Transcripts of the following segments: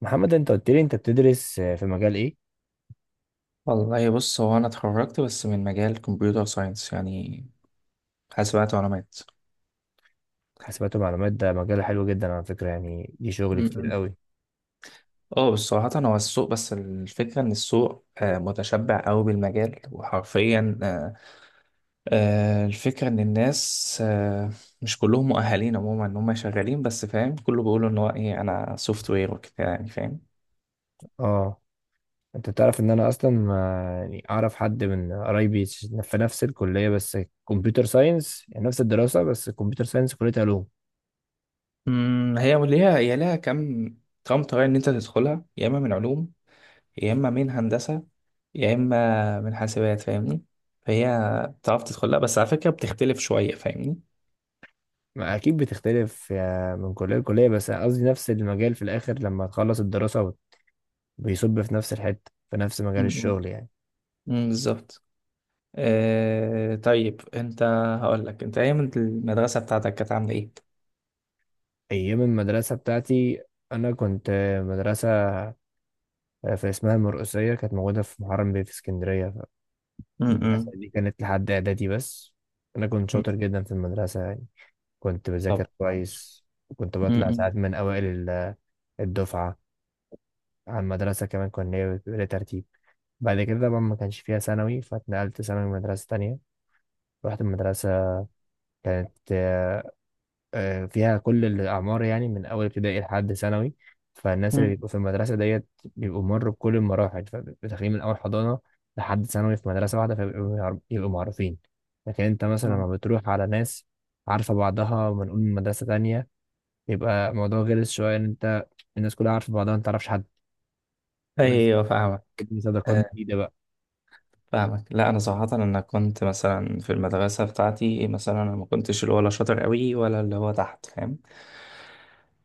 محمد انت قلت لي انت بتدرس في مجال ايه؟ والله، بص، هو انا اتخرجت بس من مجال كمبيوتر ساينس، يعني حاسبات ومعلومات. حاسبات ومعلومات ده مجال حلو جدا على فكرة، يعني دي شغل كتير م. قوي. اه، بس صراحة هو السوق، بس الفكرة ان السوق متشبع قوي بالمجال، وحرفيا الفكرة ان الناس مش كلهم مؤهلين عموما ان هم شغالين، بس فاهم كله بيقولوا ان هو ايه، انا سوفت وير وكده، يعني فاهم. اه، انت تعرف ان انا اصلا يعني اعرف حد من قرايبي في نفس الكلية، بس كمبيوتر ساينس يعني نفس الدراسة، بس كمبيوتر ساينس كلية علوم. م، هي ليها هي ليها كم، كم طريقة ان انت تدخلها، يا اما من علوم، يا اما من هندسة، يا اما من حاسبات، فاهمني؟ فهي بتعرف تدخلها، بس على فكره بتختلف شويه، فاهمني؟ ما اكيد بتختلف من كلية لكلية، بس قصدي نفس المجال في الاخر لما تخلص الدراسة بيصب في نفس الحتة في نفس مجال م-. الشغل يعني. امم، بالظبط. آه طيب، انت هقول لك انت ايام المدرسه بتاعتك كانت عامله ايه؟ ايام المدرسة بتاعتي انا كنت مدرسة في اسمها المرقسية، كانت موجودة في محرم بيه في اسكندرية. م. فالمدرسة م-. دي كانت لحد إعدادي بس. أنا كنت م. شاطر جدا في المدرسة يعني، كنت طب بذاكر معلش. كويس وكنت بطلع امم. ساعات من أوائل الدفعة على المدرسة. كمان كنا بيبقى ترتيب. بعد كده بقى ما كانش فيها ثانوي، فاتنقلت ثانوي مدرسة تانية. رحت المدرسة كانت فيها كل الأعمار، يعني من أول ابتدائي لحد ثانوي. فالناس اللي م. بيبقوا في المدرسة ديت بيبقوا مروا بكل المراحل، فداخلين من أول حضانة لحد ثانوي في مدرسة واحدة، فبيبقوا يبقوا معروفين. لكن أنت مثلا آه. لما بتروح على ناس عارفة بعضها، ونقول من مدرسة تانية، يبقى الموضوع غلس شوية إن أنت الناس كلها عارفة بعضها أنت متعرفش حد ولسه ايوه فاهمك. بتبني صداقات آه، جديدة بقى. فاهمك. لا انا صراحه، انا كنت مثلا في المدرسه بتاعتي مثلا انا ما كنتش اللي هو لا شاطر قوي، ولا اللي هو تحت، فاهم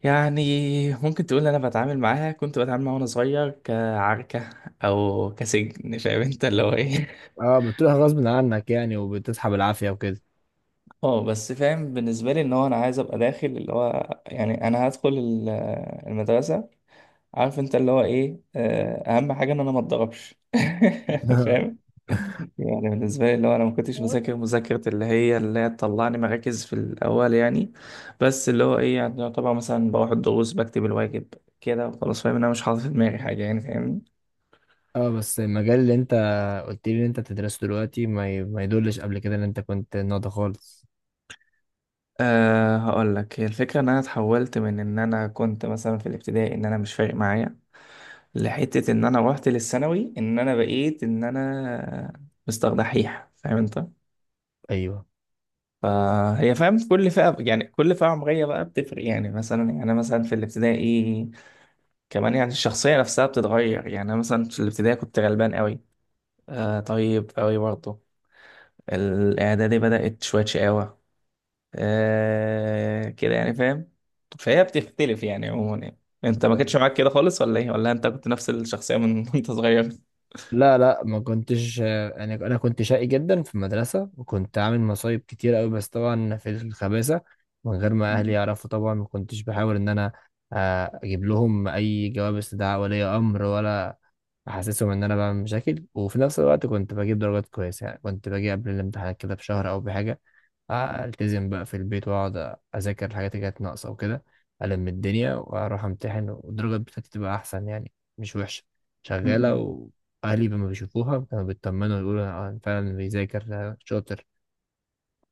يعني. ممكن تقول انا بتعامل معاها، كنت بتعامل معاها وانا صغير كعركة او كسجن، فاهم انت اللي هو ايه؟ اه، بتروح غصب عنك يعني وبتسحب العافية وكده. اه، بس فاهم بالنسبة لي ان هو انا عايز ابقى داخل اللي هو يعني انا هدخل المدرسة، عارف انت اللي هو ايه، اهم حاجة ان انا ما اتضربش. فاهم؟ يعني بالنسبة لي اللي هو انا ما كنتش مذاكر مذاكرة اللي هي، اللي هي تطلعني مراكز في الاول يعني. بس اللي هو ايه، يعني طبعا مثلا بروح الدروس، بكتب الواجب كده وخلاص، فاهم ان انا مش حاطط في دماغي حاجة، يعني فاهمني. اه، بس المجال اللي انت قلت لي ان انت بتدرسه دلوقتي ما يدلش قبل كده ان انت كنت ناضي خالص. أه، هقول لك، هي الفكرة ان انا اتحولت من ان انا كنت مثلا في الابتدائي ان انا مش فارق معايا، لحتة ان انا روحت للثانوي ان انا بقيت ان انا مستر دحيح، فاهم انت؟ ايوه، فهي فاهم كل فئة، يعني كل فئة عمرية بقى بتفرق يعني، مثلا يعني أنا مثلا في الابتدائي كمان، يعني الشخصية نفسها بتتغير، يعني أنا مثلا في الابتدائي كنت غلبان قوي، آه طيب قوي برضه. الإعدادي بدأت شوية شقاوة، آه كده يعني فاهم. فهي بتختلف يعني عموما يعني. انت ما كنتش معاك كده خالص ولا ايه، ولا انت كنت نفس الشخصية من وانت صغير؟ لا ما كنتش، انا كنت شقي جدا في المدرسه وكنت عامل مصايب كتير قوي، بس طبعا في الخباثه من غير ما اهلي مم. يعرفوا. طبعا ما كنتش بحاول ان انا اجيب لهم اي جواب استدعاء ولي امر ولا احسسهم ان انا بعمل مشاكل. وفي نفس الوقت كنت بجيب درجات كويسه يعني، كنت باجي قبل الامتحانات كده بشهر او بحاجه، التزم بقى في البيت واقعد اذاكر الحاجات اللي كانت ناقصه وكده، الم الدنيا واروح امتحن والدرجات بتاعتي تبقى احسن يعني، مش وحشه، م-م. شغاله. واهلي لما بيشوفوها كانوا بيطمنوا، يقولوا فعلا بيذاكر شاطر.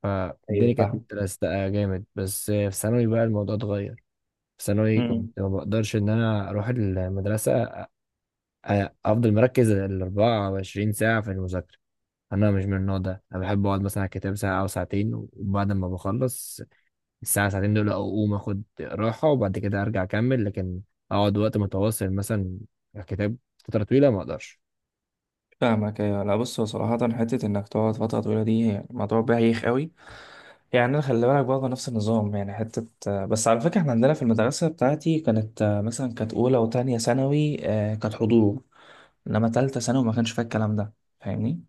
فالدنيا ايوه كانت فاهم. متلزقه جامد، بس في ثانوي بقى الموضوع اتغير. في ثانوي امم، كنت ما بقدرش ان انا اروح المدرسه افضل مركز ال 24 ساعه في المذاكره. انا مش من النوع ده، انا بحب اقعد مثلا على الكتاب ساعه او ساعتين وبعد ما بخلص الساعة ساعتين دول أقوم أخد راحة وبعد كده أرجع أكمل، لكن أقعد وقت متواصل مثلا على كتاب فترة طويلة ما أقدرش. فاهمك. ايوه. لا بص، هو صراحة حتة انك تقعد فترة طويلة دي يعني موضوع بايخ قوي. يعني انا خلي بالك برضه نفس النظام، يعني حتة بس على فكرة احنا عندنا في المدرسة بتاعتي كانت مثلا كانت اولى وتانية ثانوي كانت حضور، انما تالتة ثانوي ما كانش فيها الكلام ده، فاهمني؟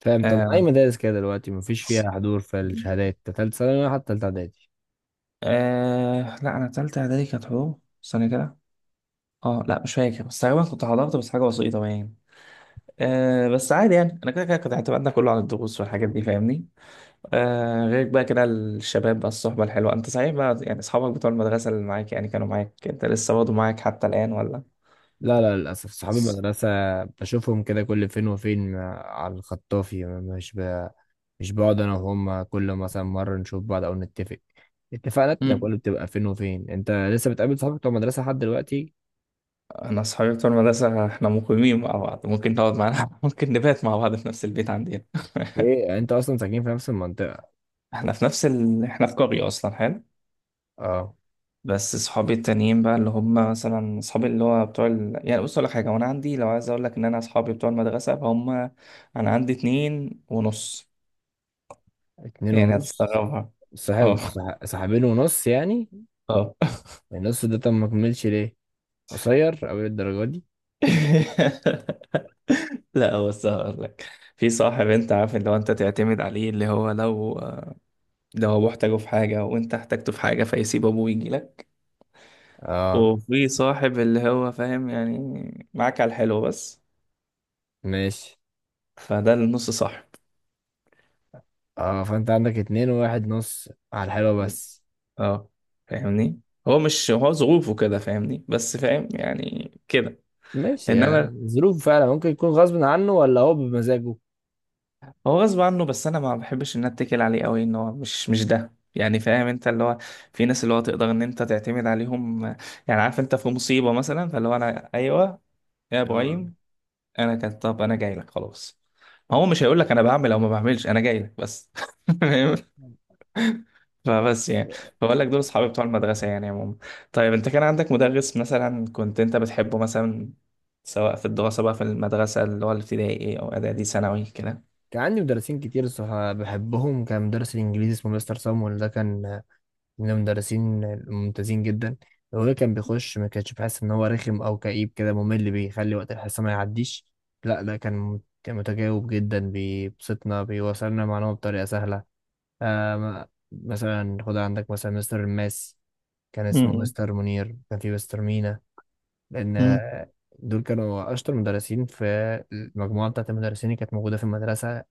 فاهم، طب أي آه، مدارس كده دلوقتي مفيش فيها حضور في الشهادات تالتة ثانوي ولا حتى تالتة إعدادي؟ آه لا، انا تالتة اعدادي كانت حضور، استنى كده. اه لا مش فاكر، بس تقريبا كنت حضرت بس حاجة بسيطة يعني. آه بس عادي يعني، انا كده كده كنت اعتمدنا كله على الدروس والحاجات دي، فاهمني؟ آه غير بقى كده الشباب بقى، الصحبة الحلوة انت صحيح بقى، يعني اصحابك بتوع المدرسة اللي معاك، يعني كانوا معاك، انت لسه برضه معاك حتى الآن ولا؟ لا للأسف صحابي المدرسة بشوفهم كده كل فين وفين على الخطافي، مش بقعد أنا وهم كل مثلا مرة نشوف بعض أو نتفق. اتفاقاتنا مم. كلها بتبقى فين وفين. أنت لسه بتقابل صحابك بتوع المدرسة لحد دلوقتي؟ انا اصحابي بتوع المدرسة احنا مقيمين مع بعض، ممكن نقعد معانا ممكن نبات مع بعض في نفس البيت عندنا. إيه أنت أصلا ساكنين في نفس المنطقة؟ احنا في نفس احنا في قرية اصلا، حلو. أه. بس صحابي التانيين بقى اللي هم مثلا صحابي اللي هو بتوع يعني بص اقول لك حاجه، وانا عندي، لو عايز اقول لك ان انا اصحابي بتوع المدرسه، فهم انا عندي اتنين ونص، اتنين يعني ونص. هتستغربها. صاحب اه. صاحبين ونص يعني؟ اه. النص ده طب ما كملش ليه؟ قصير أوي الدرجة دي. لا بس هقول لك، في صاحب انت عارف اللي هو انت تعتمد عليه، اللي هو لو ابوه احتاجه في حاجه وانت احتجته في حاجه، فيسيب ابوه ويجي لك. اه، وفي صاحب اللي هو فاهم يعني معاك على الحلو بس، ماشي. فده النص صاحب. اه، فانت عندك اتنين وواحد نص على الحلوة بس. اه، فاهمني. هو مش، هو ظروفه كده فاهمني، بس فاهم يعني كده. ماشي يا انما ظروف، فعلا ممكن يكون غصب عنه ولا هو بمزاجه. هو غصب عنه، بس انا ما بحبش ان أنا اتكل عليه قوي، ان هو مش ده يعني، فاهم انت اللي هو في ناس اللي هو تقدر ان انت تعتمد عليهم، يعني عارف انت في مصيبة مثلا، فاللي هو انا ايوه، يا اه ابراهيم، انا كان، طب انا جاي لك خلاص. ما هو مش هيقول لك انا بعمل او ما بعملش، انا جاي لك بس. فبس بس يعني بقول لك دول اصحابي بتوع المدرسه يعني عموما. طيب انت كان عندك مدرس مثلا كنت انت بتحبه مثلا، سواء في الدراسه بقى في المدرسه، اللي هو الابتدائي او اعدادي ثانوي كده؟ كان عندي مدرسين كتير الصراحة بحبهم. كان مدرس الإنجليزي اسمه مستر صامويل، ده كان من المدرسين الممتازين جدا. لو ده كان بيخش ما كانش بحس ان هو رخم او كئيب كده ممل، بيخلي وقت الحصه ما يعديش. لا ده كان متجاوب جدا، بيبسطنا، بيوصلنا المعلومه بطريقه سهله. آه م- مثلا خد عندك مثلا مستر الماس، كان اسمه امم. مستر منير، كان في مستر مينا. لان امم. دول كانوا اشطر مدرسين في المجموعه بتاعت المدرسين اللي كانت موجوده في المدرسه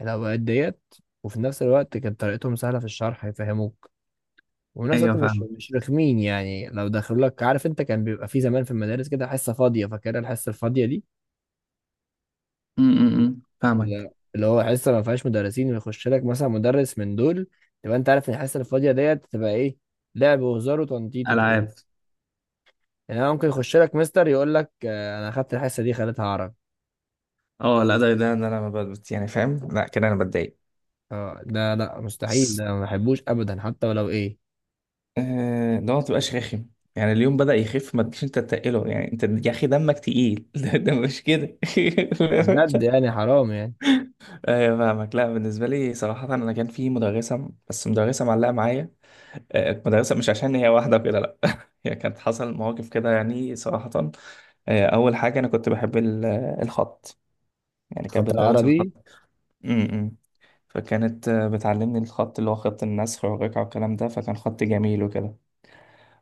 الاوقات ديت. وفي نفس الوقت كانت طريقتهم سهله في الشرح، يفهموك. والناس ايوه دلوقتي مش فاهمك. مش رخمين يعني لو دخلوا لك. عارف انت كان بيبقى في زمان في المدارس كده حصه فاضيه، فاكرها الحصه الفاضيه دي، امم، فاهمك. اللي هو حصه ما فيهاش مدرسين، ويخش لك مثلا مدرس من دول، تبقى انت عارف ان الحصه الفاضيه ديت تبقى ايه، لعب وهزار وتنطيط وكده. العاب. يعني انا ممكن يخش لك مستر يقول لك انا اخدت الحصه دي خليتها عرب. اه لا ده ده إن انا ما بت- يعني فاهم، لا كده انا بتضايق. اه، ده لا مستحيل، ده ما بحبوش ابدا حتى ولو ايه. اللي هو ما تبقاش رخم، يعني اليوم بدأ يخف، ما تجيش انت تتقله، يعني انت يا اخي دمك تقيل. ده مش كده. بجد يعني حرام يعني. ايوه فاهمك. لا بالنسبه لي صراحه انا كان في مدرسه، بس مدرسه معلقه معايا، مدرسه مش عشان هي واحده كده لا، هي كانت حصل مواقف كده يعني صراحه. اول حاجه انا كنت بحب الخط، يعني كانت خط بتدرس الخط. العربي امم. فكانت بتعلمني الخط اللي هو خط النسخ والرقعه والكلام ده، فكان خط جميل وكده.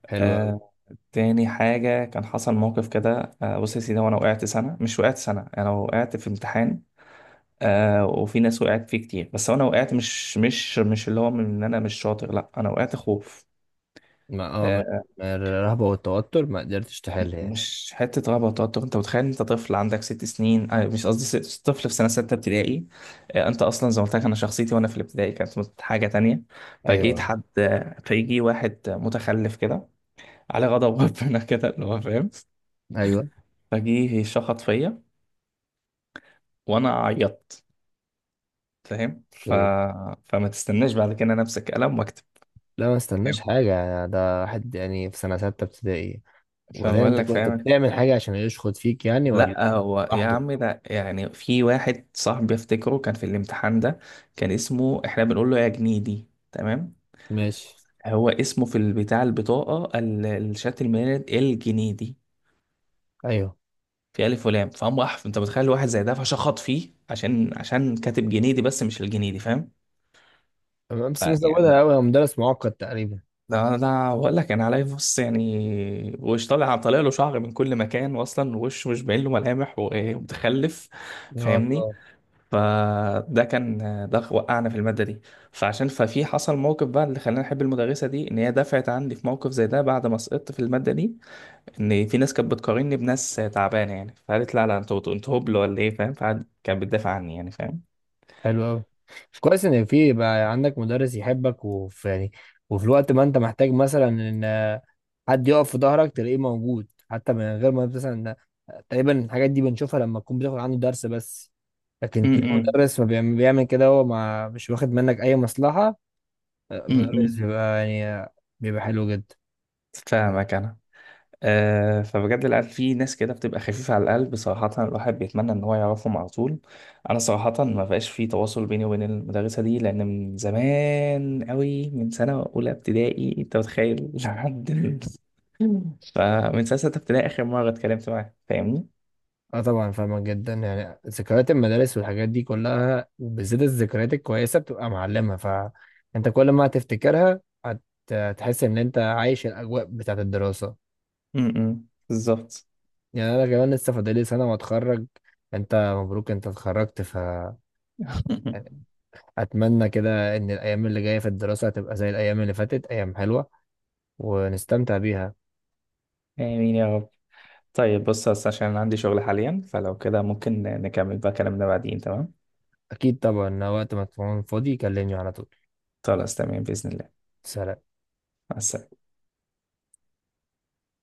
حلو قوي. آه، تاني حاجة كان حصل موقف كده، بص يا سيدي، وانا وقعت سنة مش وقعت سنة، انا وقعت في امتحان. آه وفي ناس وقعت فيه كتير، بس انا وقعت، مش اللي هو من ان انا مش شاطر، لا انا وقعت خوف. ما اه، من آه من الرهبه والتوتر ما قدرتش تحل يعني؟ مش حته رهبه وتوتر، انت متخيل انت طفل عندك 6 سنين، آه مش قصدي ست، طفل في سنه 6 ابتدائي. آه انت اصلا زي ما قلت لك انا شخصيتي وانا في الابتدائي كانت حاجه تانية. فجيت ايوه، حد، فيجي واحد متخلف كده على غضب ربنا كده، اللي هو فاهم. ايوه، فجيه شخط فيا، وانا عيطت، فاهم اوكي. فما تستناش بعد كده انا امسك قلم واكتب، لا ما استناش فاهم؟ حاجة، ده واحد يعني في سنة ستة ابتدائي. وبعدين فبقول انت لك كنت فاهم، بتعمل حاجة عشان يشخط فيك يعني ولا؟ لا هو يا لوحده؟ عم ده يعني في واحد صاحبي افتكره كان في الامتحان ده، كان اسمه، احنا بنقول له يا جنيدي، تمام؟ ماشي. هو اسمه في البتاع، البطاقة الشهادة الميلاد، الجنيدي، ايوه في ألف ولام، فهم أحف، أنت متخيل واحد زي ده فشخط فيه عشان، عشان كاتب جنيدي بس مش الجنيدي، فاهم؟ تمام، بس ف- يعني مزودها ده قوي، هو مدرس معقد تقريبا. ده بقول لك أنا عليه، بص يعني، وش طالع، طالع له شعر من كل مكان، وأصلا وشه مش باين له ملامح، ومتخلف، يا فاهمني؟ الله. فده كان، ده وقعنا في المادة دي. فعشان ففي حصل موقف بقى اللي خلاني أحب المدرسة دي، إن هي دفعت عني في موقف زي ده بعد ما سقطت في المادة دي، إن في ناس كانت بتقارني بناس تعبانة يعني، فقالت لا لا، أنتوا أنتوا هبل ولا إيه، فاهم؟ فقعد كانت بتدافع عني يعني، فاهم. حلو قوي. كويس ان في بقى عندك مدرس يحبك، وفي يعني وفي الوقت ما انت محتاج مثلا ان حد يقف في ظهرك تلاقيه موجود حتى من غير ما مثلا، تقريبا الحاجات دي بنشوفها لما تكون بتاخد عنده درس بس. م- لكن تلاقي م- مدرس ما بيعمل كده هو ما مش واخد منك اي مصلحة، مدرس م. بيبقى يعني بيبقى حلو جدا. فاهمك أنا. فبجد العيال في ناس كده بتبقى خفيفة على القلب صراحة، الواحد بيتمنى إن هو يعرفهم على طول. أنا صراحة ما بقاش في تواصل بيني وبين المدرسة دي، لأن من زمان أوي، من سنة أولى ابتدائي، أنت متخيل؟ لحد فمن سنة 6 ابتدائي آخر مرة اتكلمت معاه، فاهمني؟ اه طبعا فاهمك جدا يعني، ذكريات المدارس والحاجات دي كلها وبالذات الذكريات الكويسه بتبقى معلمه، فانت كل ما هتفتكرها هتحس ان انت عايش الاجواء بتاعت الدراسه. م-م. بالظبط. يعني انا كمان لسه فاضلي سنه واتخرج. انت مبروك، انت اتخرجت، ف اتمنى كده ان الايام اللي جايه في الدراسه هتبقى زي الايام اللي فاتت، ايام حلوه ونستمتع بيها. آمين يا رب. طيب بص، بس عشان أنا عندي شغل حاليا، فلو كده ممكن نكمل بقى كلامنا بعدين، تمام؟ اكيد طبعا، وقت ما تكون فاضي كلمني على طول. خلاص تمام، بإذن الله. سلام. مع السلامة.